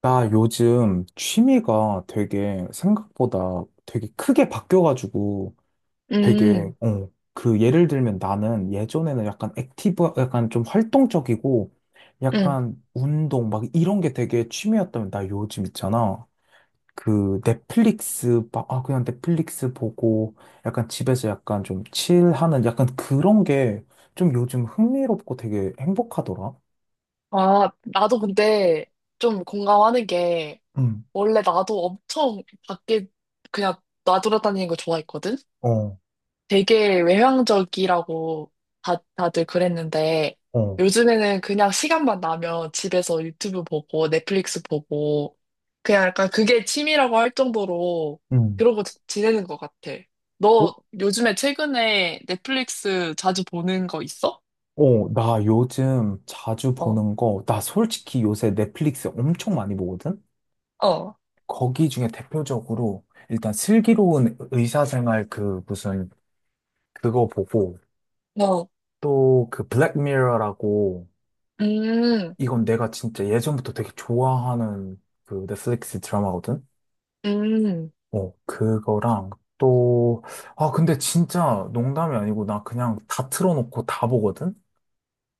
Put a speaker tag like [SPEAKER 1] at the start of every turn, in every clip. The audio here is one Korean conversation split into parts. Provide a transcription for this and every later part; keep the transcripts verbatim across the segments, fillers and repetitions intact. [SPEAKER 1] 나 요즘 취미가 되게 생각보다 되게 크게 바뀌어가지고 되게,
[SPEAKER 2] 음,
[SPEAKER 1] 어, 그 예를 들면 나는 예전에는 약간 액티브, 약간 좀 활동적이고
[SPEAKER 2] 음.
[SPEAKER 1] 약간 운동 막 이런 게 되게 취미였다면 나 요즘 있잖아. 그 넷플릭스, 막, 아, 그냥 넷플릭스 보고 약간 집에서 약간 좀 칠하는 약간 그런 게 좀 요즘 흥미롭고 되게 행복하더라.
[SPEAKER 2] 아, 나도 근데 좀 공감하는 게,
[SPEAKER 1] 응,
[SPEAKER 2] 원래 나도 엄청 밖에 그냥 나돌아다니는 거 좋아했거든?
[SPEAKER 1] 어,
[SPEAKER 2] 되게 외향적이라고 다, 다들 그랬는데,
[SPEAKER 1] 어,
[SPEAKER 2] 요즘에는 그냥 시간만 나면 집에서 유튜브 보고, 넷플릭스 보고, 그냥 약간 그게 취미라고 할 정도로
[SPEAKER 1] 응.
[SPEAKER 2] 그러고 지- 지내는 것 같아. 너 요즘에 최근에 넷플릭스 자주 보는 거 있어?
[SPEAKER 1] 어, 나 요즘 자주
[SPEAKER 2] 어,
[SPEAKER 1] 보는 거, 나 솔직히 요새 넷플릭스 엄청 많이 보거든?
[SPEAKER 2] 어,
[SPEAKER 1] 거기 중에 대표적으로 일단 슬기로운 의사생활 그 무슨 그거 보고
[SPEAKER 2] 어.
[SPEAKER 1] 또 그 블랙미러라고
[SPEAKER 2] 음,
[SPEAKER 1] 이건 내가 진짜 예전부터 되게 좋아하는 그 넷플릭스 드라마거든?
[SPEAKER 2] 음,
[SPEAKER 1] 어, 그거랑 또, 아, 근데 진짜 농담이 아니고 나 그냥 다 틀어놓고 다 보거든?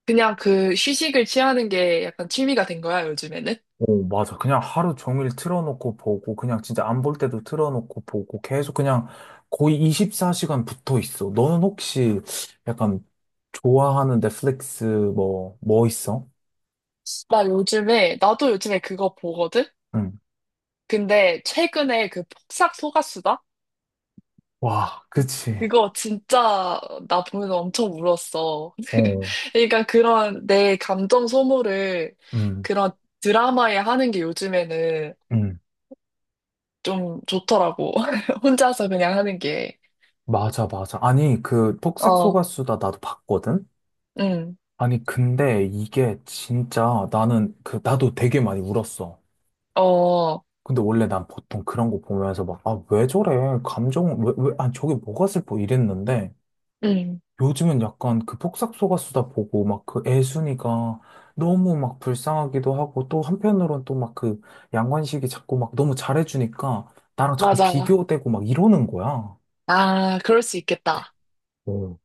[SPEAKER 2] 그냥 그 휴식을 취하는 게 약간 취미가 된 거야, 요즘에는?
[SPEAKER 1] 어, 맞아. 그냥 하루 종일 틀어놓고 보고, 그냥 진짜 안 볼 때도 틀어놓고 보고, 계속 그냥 거의 이십사 시간 붙어 있어. 너는 혹시 약간 좋아하는 넷플릭스 뭐, 뭐 있어?
[SPEAKER 2] 나 요즘에, 나도 요즘에 그거 보거든?
[SPEAKER 1] 응.
[SPEAKER 2] 근데 최근에 그 폭삭 소가수다?
[SPEAKER 1] 와, 그치.
[SPEAKER 2] 그거 진짜 나 보면서 엄청 울었어.
[SPEAKER 1] 어,
[SPEAKER 2] 그러니까 그런 내 감정 소모를
[SPEAKER 1] 응,
[SPEAKER 2] 그런 드라마에 하는 게 요즘에는
[SPEAKER 1] 응.
[SPEAKER 2] 좀 좋더라고. 혼자서 그냥 하는 게.
[SPEAKER 1] 맞아, 맞아. 아니, 그,
[SPEAKER 2] 어,
[SPEAKER 1] 폭삭소가수다 나도 봤거든?
[SPEAKER 2] 응,
[SPEAKER 1] 아니, 근데 이게 진짜 나는 그, 나도 되게 많이 울었어.
[SPEAKER 2] 어,
[SPEAKER 1] 근데 원래 난 보통 그런 거 보면서 막, 아, 왜 저래? 감정, 왜, 왜, 아, 저게 뭐가 슬퍼? 이랬는데,
[SPEAKER 2] 응,
[SPEAKER 1] 요즘은 약간 그 폭삭소가수다 보고, 막 그 애순이가 너무 막 불쌍하기도 하고, 또 한편으론 또 막 그 양관식이 자꾸 막 너무 잘해주니까, 나랑 자꾸
[SPEAKER 2] 맞아.
[SPEAKER 1] 비교되고 막 이러는 거야.
[SPEAKER 2] 아, 그럴 수 있겠다.
[SPEAKER 1] 어,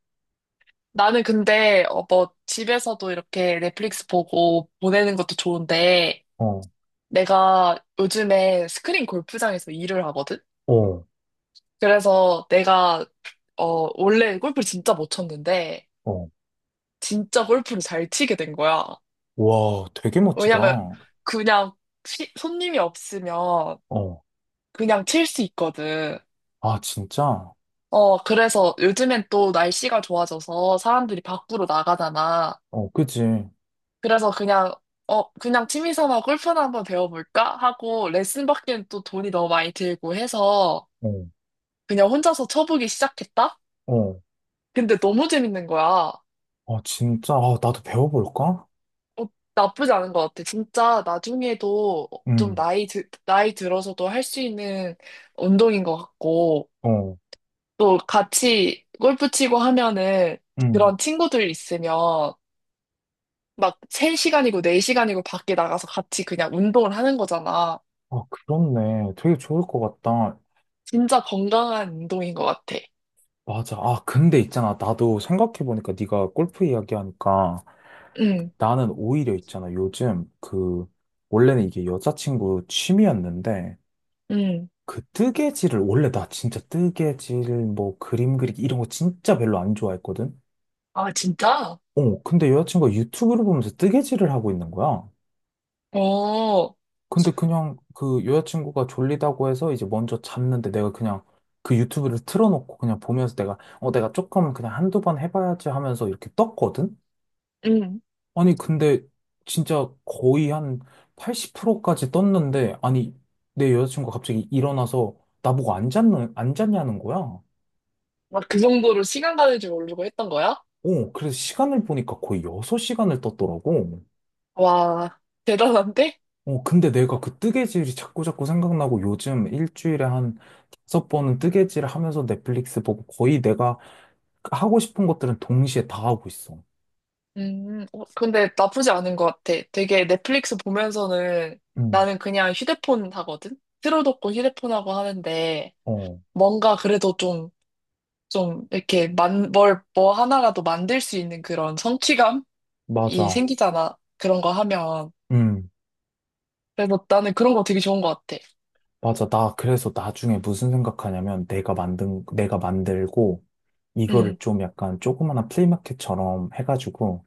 [SPEAKER 2] 나는 근데 어, 뭐 집에서도 이렇게 넷플릭스 보고 보내는 것도 좋은데
[SPEAKER 1] 어,
[SPEAKER 2] 내가 요즘에 스크린 골프장에서 일을 하거든?
[SPEAKER 1] 어,
[SPEAKER 2] 그래서 내가 어 원래 골프 진짜 못 쳤는데
[SPEAKER 1] 어.
[SPEAKER 2] 진짜 골프를 잘 치게 된 거야.
[SPEAKER 1] 와, 되게 멋지다.
[SPEAKER 2] 왜냐면
[SPEAKER 1] 어,
[SPEAKER 2] 그냥 시- 손님이 없으면 그냥 칠 수 있거든.
[SPEAKER 1] 아, 진짜?
[SPEAKER 2] 어 그래서 요즘엔 또 날씨가 좋아져서 사람들이 밖으로 나가잖아.
[SPEAKER 1] 어, 그지?
[SPEAKER 2] 그래서 그냥, 어, 그냥 취미 삼아 골프나 한번 배워볼까? 하고 레슨 받기엔 또 돈이 너무 많이 들고 해서
[SPEAKER 1] 어,
[SPEAKER 2] 그냥 혼자서 쳐보기 시작했다?
[SPEAKER 1] 어,
[SPEAKER 2] 근데 너무 재밌는 거야. 어,
[SPEAKER 1] 아, 진짜? 아, 나도 배워볼까?
[SPEAKER 2] 나쁘지 않은 것 같아. 진짜 나중에도 좀
[SPEAKER 1] 응,
[SPEAKER 2] 나이, 드, 나이 들어서도 할 수 있는 운동인 것 같고
[SPEAKER 1] 어,
[SPEAKER 2] 또 같이 골프 치고 하면은
[SPEAKER 1] 응.
[SPEAKER 2] 그런 친구들 있으면 막 세 시간이고 네 시간이고 밖에 나가서 같이 그냥 운동을 하는 거잖아.
[SPEAKER 1] 아, 그렇네. 되게 좋을 것 같다.
[SPEAKER 2] 진짜 건강한 운동인 것 같아.
[SPEAKER 1] 맞아. 아, 근데 있잖아. 나도 생각해보니까 네가 골프 이야기하니까
[SPEAKER 2] 응,
[SPEAKER 1] 나는 오히려 있잖아. 요즘 그, 원래는 이게 여자친구 취미였는데
[SPEAKER 2] 응.
[SPEAKER 1] 그 뜨개질을 원래 나 진짜 뜨개질 뭐 그림 그리기 이런 거 진짜 별로 안 좋아했거든.
[SPEAKER 2] 아, 진짜?
[SPEAKER 1] 어, 근데 여자친구가 유튜브를 보면서 뜨개질을 하고 있는 거야.
[SPEAKER 2] 어,
[SPEAKER 1] 근데 그냥 그 여자친구가 졸리다고 해서 이제 먼저 잤는데 내가 그냥 그 유튜브를 틀어놓고 그냥 보면서 내가 어 내가 조금 그냥 한두 번 해봐야지 하면서 이렇게 떴거든?
[SPEAKER 2] 응.
[SPEAKER 1] 아니 근데 진짜 거의 한 팔십 프로까지 떴는데 아니 내 여자친구가 갑자기 일어나서 나보고 안 잤는 안 잤냐는 거야.
[SPEAKER 2] 막 그 정도로 시간 가는 줄 모르고 했던 거야?
[SPEAKER 1] 어 그래서 시간을 보니까 거의 여섯 시간을 떴더라고.
[SPEAKER 2] 와, 대단한데?
[SPEAKER 1] 어, 근데 내가 그 뜨개질이 자꾸 자꾸 생각나고 요즘 일주일에 한 다섯 번은 뜨개질을 하면서 넷플릭스 보고 거의 내가 하고 싶은 것들은 동시에 다 하고 있어.
[SPEAKER 2] 음, 어, 근데 나쁘지 않은 것 같아. 되게 넷플릭스 보면서는
[SPEAKER 1] 응.
[SPEAKER 2] 나는 그냥 휴대폰 하거든? 틀어놓고 휴대폰 하고 하는데
[SPEAKER 1] 어,
[SPEAKER 2] 뭔가 그래도 좀, 좀 이렇게 만, 뭘, 뭐 하나라도 만들 수 있는 그런 성취감이
[SPEAKER 1] 맞아.
[SPEAKER 2] 생기잖아. 그런 거 하면.
[SPEAKER 1] 응
[SPEAKER 2] 그래서 나는 그런 거 되게 좋은 것 같아.
[SPEAKER 1] 맞아. 나 그래서 나중에 무슨 생각하냐면 내가 만든, 내가 만들고 이거를
[SPEAKER 2] 음,
[SPEAKER 1] 좀 약간 조그마한 플리마켓처럼 해가지고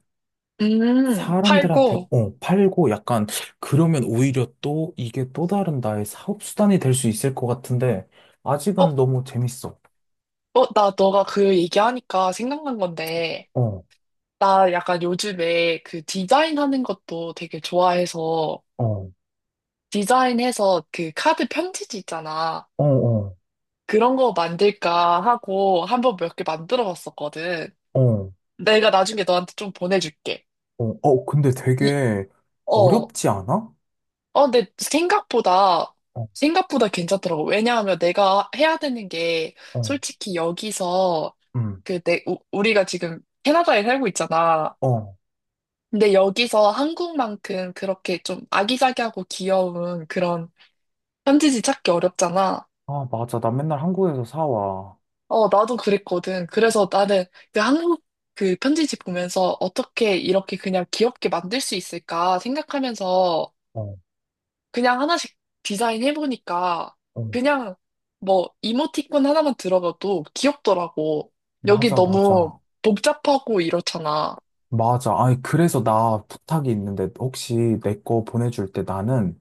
[SPEAKER 2] 음,
[SPEAKER 1] 사람들한테
[SPEAKER 2] 팔고,
[SPEAKER 1] 어, 팔고 약간 그러면 오히려 또 이게 또 다른 나의 사업 수단이 될 수 있을 것 같은데
[SPEAKER 2] 어,
[SPEAKER 1] 아직은 너무 재밌어.
[SPEAKER 2] 어, 나 너가 그 얘기하니까 생각난 건데,
[SPEAKER 1] 어,
[SPEAKER 2] 나 약간 요즘에 그 디자인 하는 것도 되게 좋아해서,
[SPEAKER 1] 어,
[SPEAKER 2] 디자인해서 그 카드 편지지 있잖아.
[SPEAKER 1] 어, 어,
[SPEAKER 2] 그런 거 만들까 하고 한번 몇 개 만들어 봤었거든.
[SPEAKER 1] 어,
[SPEAKER 2] 내가 나중에 너한테 좀 보내줄게.
[SPEAKER 1] 어, 어, 근데
[SPEAKER 2] 이,
[SPEAKER 1] 되게
[SPEAKER 2] 어,
[SPEAKER 1] 어렵지 않아?
[SPEAKER 2] 어, 근데 생각보다,
[SPEAKER 1] 어,
[SPEAKER 2] 생각보다 괜찮더라고. 왜냐하면 내가 해야 되는 게,
[SPEAKER 1] 어,
[SPEAKER 2] 솔직히 여기서,
[SPEAKER 1] 음,
[SPEAKER 2] 그 내, 우, 우리가 지금 캐나다에 살고 있잖아.
[SPEAKER 1] 어.
[SPEAKER 2] 근데 여기서 한국만큼 그렇게 좀 아기자기하고 귀여운 그런 편지지 찾기 어렵잖아.
[SPEAKER 1] 아, 맞아. 나 맨날 한국에서 사와.
[SPEAKER 2] 어, 나도 그랬거든. 그래서 나는 그 한국 그 편지지 보면서 어떻게 이렇게 그냥 귀엽게 만들 수 있을까 생각하면서
[SPEAKER 1] 어,
[SPEAKER 2] 그냥 하나씩 디자인해보니까
[SPEAKER 1] 어.
[SPEAKER 2] 그냥 뭐 이모티콘 하나만 들어가도 귀엽더라고. 여기
[SPEAKER 1] 맞아,
[SPEAKER 2] 너무
[SPEAKER 1] 맞아.
[SPEAKER 2] 복잡하고 이렇잖아.
[SPEAKER 1] 맞아. 아니, 그래서 나 부탁이 있는데 혹시 내 거 보내줄 때 나는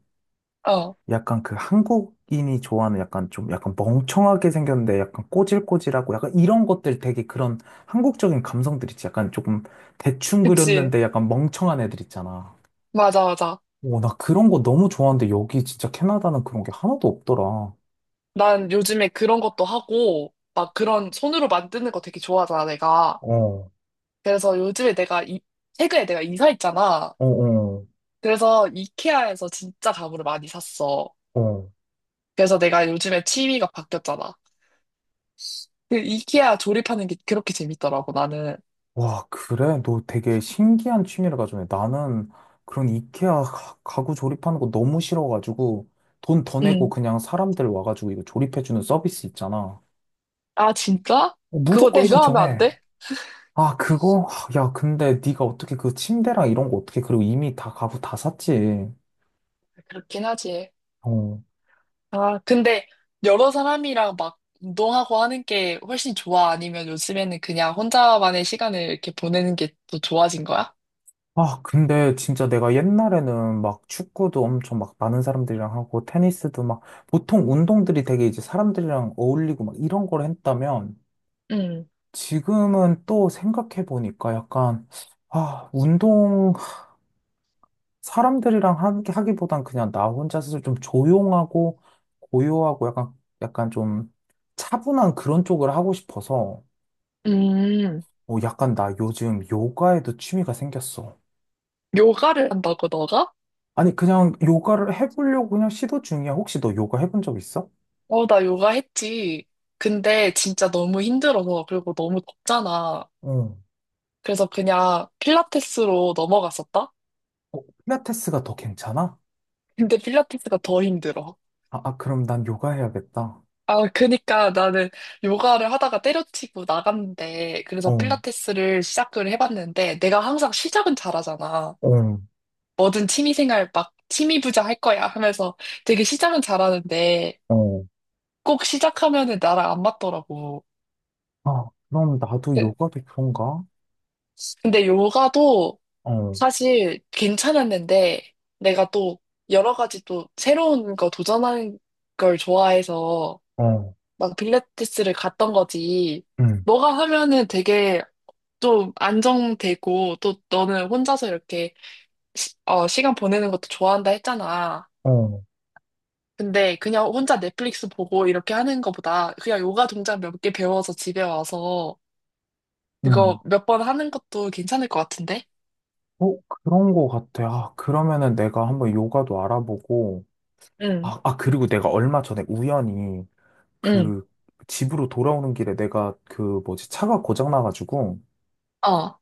[SPEAKER 2] 어,
[SPEAKER 1] 약간 그 한국인이 좋아하는 약간 좀 약간 멍청하게 생겼는데 약간 꼬질꼬질하고 약간 이런 것들 되게 그런 한국적인 감성들 있지. 약간 조금 대충
[SPEAKER 2] 그치.
[SPEAKER 1] 그렸는데 약간 멍청한 애들 있잖아.
[SPEAKER 2] 맞아, 맞아.
[SPEAKER 1] 오, 나 그런 거 너무 좋아하는데 여기 진짜 캐나다는 그런 게 하나도 없더라. 어,
[SPEAKER 2] 난 요즘에 그런 것도 하고, 막 그런 손으로 만드는 거 되게 좋아하잖아, 내가. 그래서 요즘에 내가, 이, 최근에 내가 이사했잖아.
[SPEAKER 1] 어, 어,
[SPEAKER 2] 그래서 이케아에서 진짜 가구를 많이 샀어.
[SPEAKER 1] 어.
[SPEAKER 2] 그래서 내가 요즘에 취미가 바뀌었잖아. 그 이케아 조립하는 게 그렇게 재밌더라고, 나는.
[SPEAKER 1] 와, 그래? 너 되게 신기한 취미를 가졌네. 나는 그런 이케아 가- 가구 조립하는 거 너무 싫어가지고 돈 더 내고
[SPEAKER 2] 응.
[SPEAKER 1] 그냥 사람들 와가지고 이거 조립해주는 서비스 있잖아.
[SPEAKER 2] 아, 진짜? 그거
[SPEAKER 1] 무조건
[SPEAKER 2] 내가 하면 안
[SPEAKER 1] 신청해.
[SPEAKER 2] 돼?
[SPEAKER 1] 아, 그거? 아, 야, 근데 네가 어떻게 그 침대랑 이런 거 어떻게 그리고 이미 다 가구 다 샀지.
[SPEAKER 2] 그렇긴 하지.
[SPEAKER 1] 어.
[SPEAKER 2] 아, 근데 여러 사람이랑 막 운동하고 하는 게 훨씬 좋아? 아니면 요즘에는 그냥 혼자만의 시간을 이렇게 보내는 게 더 좋아진 거야?
[SPEAKER 1] 아, 근데 진짜 내가 옛날에는 막 축구도 엄청 막 많은 사람들이랑 하고 테니스도 막 보통 운동들이 되게 이제 사람들이랑 어울리고 막 이런 걸 했다면
[SPEAKER 2] 응
[SPEAKER 1] 지금은 또 생각해 보니까 약간 아, 운동 사람들이랑 하기, 하기보단 그냥 나 혼자서 좀 조용하고 고요하고 약간, 약간 좀 차분한 그런 쪽을 하고 싶어서
[SPEAKER 2] 음,
[SPEAKER 1] 어, 약간 나 요즘 요가에도 취미가 생겼어.
[SPEAKER 2] 요가를 한다고, 너가?
[SPEAKER 1] 아니, 그냥 요가를 해보려고 그냥 시도 중이야. 혹시 너 요가 해본 적 있어?
[SPEAKER 2] 어, 나 요가 했지. 근데 진짜 너무 힘들어서, 그리고 너무 덥잖아.
[SPEAKER 1] 어.
[SPEAKER 2] 그래서 그냥 필라테스로 넘어갔었다?
[SPEAKER 1] 어, 필라테스가 더 괜찮아?
[SPEAKER 2] 근데 필라테스가 더 힘들어.
[SPEAKER 1] 아, 아, 그럼 난 요가 해야겠다.
[SPEAKER 2] 아, 그니까 나는 요가를 하다가 때려치고 나갔는데, 그래서
[SPEAKER 1] 어,
[SPEAKER 2] 필라테스를 시작을 해봤는데, 내가 항상 시작은 잘하잖아.
[SPEAKER 1] 어,
[SPEAKER 2] 뭐든 취미생활 막 취미부자 할 거야 하면서 되게 시작은 잘하는데,
[SPEAKER 1] 어.
[SPEAKER 2] 꼭 시작하면은 나랑 안 맞더라고.
[SPEAKER 1] 아, 그럼 나도 요가도 그런가?
[SPEAKER 2] 근데 요가도
[SPEAKER 1] 어,
[SPEAKER 2] 사실 괜찮았는데 내가 또 여러 가지 또 새로운 거 도전하는 걸 좋아해서
[SPEAKER 1] 어,
[SPEAKER 2] 막 필라테스를 갔던 거지.
[SPEAKER 1] 응,
[SPEAKER 2] 너가 하면은 되게 좀 안정되고 또 너는 혼자서 이렇게 시, 어, 시간 보내는 것도 좋아한다 했잖아.
[SPEAKER 1] 어,
[SPEAKER 2] 근데 그냥 혼자 넷플릭스 보고 이렇게 하는 거보다 그냥 요가 동작 몇 개 배워서 집에 와서
[SPEAKER 1] 응.
[SPEAKER 2] 그거 몇 번 하는 것도 괜찮을 것 같은데?
[SPEAKER 1] 어, 그런 거 같아. 아, 그러면은 내가 한번 요가도 알아보고,
[SPEAKER 2] 응,
[SPEAKER 1] 아, 아, 그리고 내가 얼마 전에 우연히
[SPEAKER 2] 응,
[SPEAKER 1] 그 집으로 돌아오는 길에 내가 그 뭐지, 차가 고장나가지고
[SPEAKER 2] 어.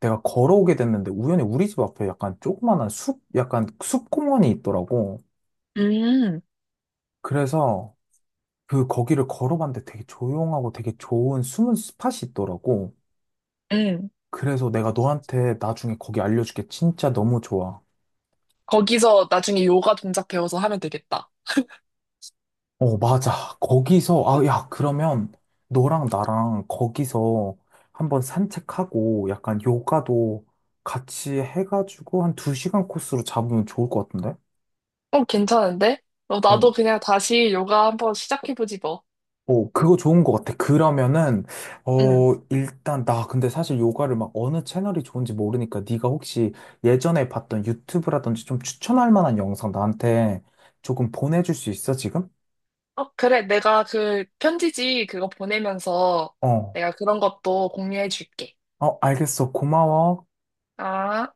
[SPEAKER 1] 내가 걸어오게 됐는데 우연히 우리 집 앞에 약간 조그만한 숲, 약간 숲공원이 있더라고.
[SPEAKER 2] 음,
[SPEAKER 1] 그래서 그 거기를 걸어봤는데 되게 조용하고 되게 좋은 숨은 스팟이 있더라고.
[SPEAKER 2] 음.
[SPEAKER 1] 그래서 내가 너한테 나중에 거기 알려줄게. 진짜 너무 좋아.
[SPEAKER 2] 거기서 나중에 요가 동작 배워서 하면 되겠다.
[SPEAKER 1] 어, 맞아. 거기서, 아, 야, 그러면 너랑 나랑 거기서 한번 산책하고 약간 요가도 같이 해가지고 한 두 시간 코스로 잡으면 좋을 것 같은데?
[SPEAKER 2] 어, 괜찮은데? 어,
[SPEAKER 1] 어,
[SPEAKER 2] 나도 그냥 다시 요가 한번 시작해보지 뭐.
[SPEAKER 1] 어, 그거 좋은 것 같아. 그러면은,
[SPEAKER 2] 응.
[SPEAKER 1] 어, 일단 나 근데 사실 요가를 막 어느 채널이 좋은지 모르니까 네가 혹시 예전에 봤던 유튜브라든지 좀 추천할 만한 영상 나한테 조금 보내줄 수 있어, 지금?
[SPEAKER 2] 어, 그래. 내가 그 편지지 그거 보내면서
[SPEAKER 1] 어,
[SPEAKER 2] 내가 그런 것도 공유해줄게.
[SPEAKER 1] 어, 알겠어. 고마워.
[SPEAKER 2] 아.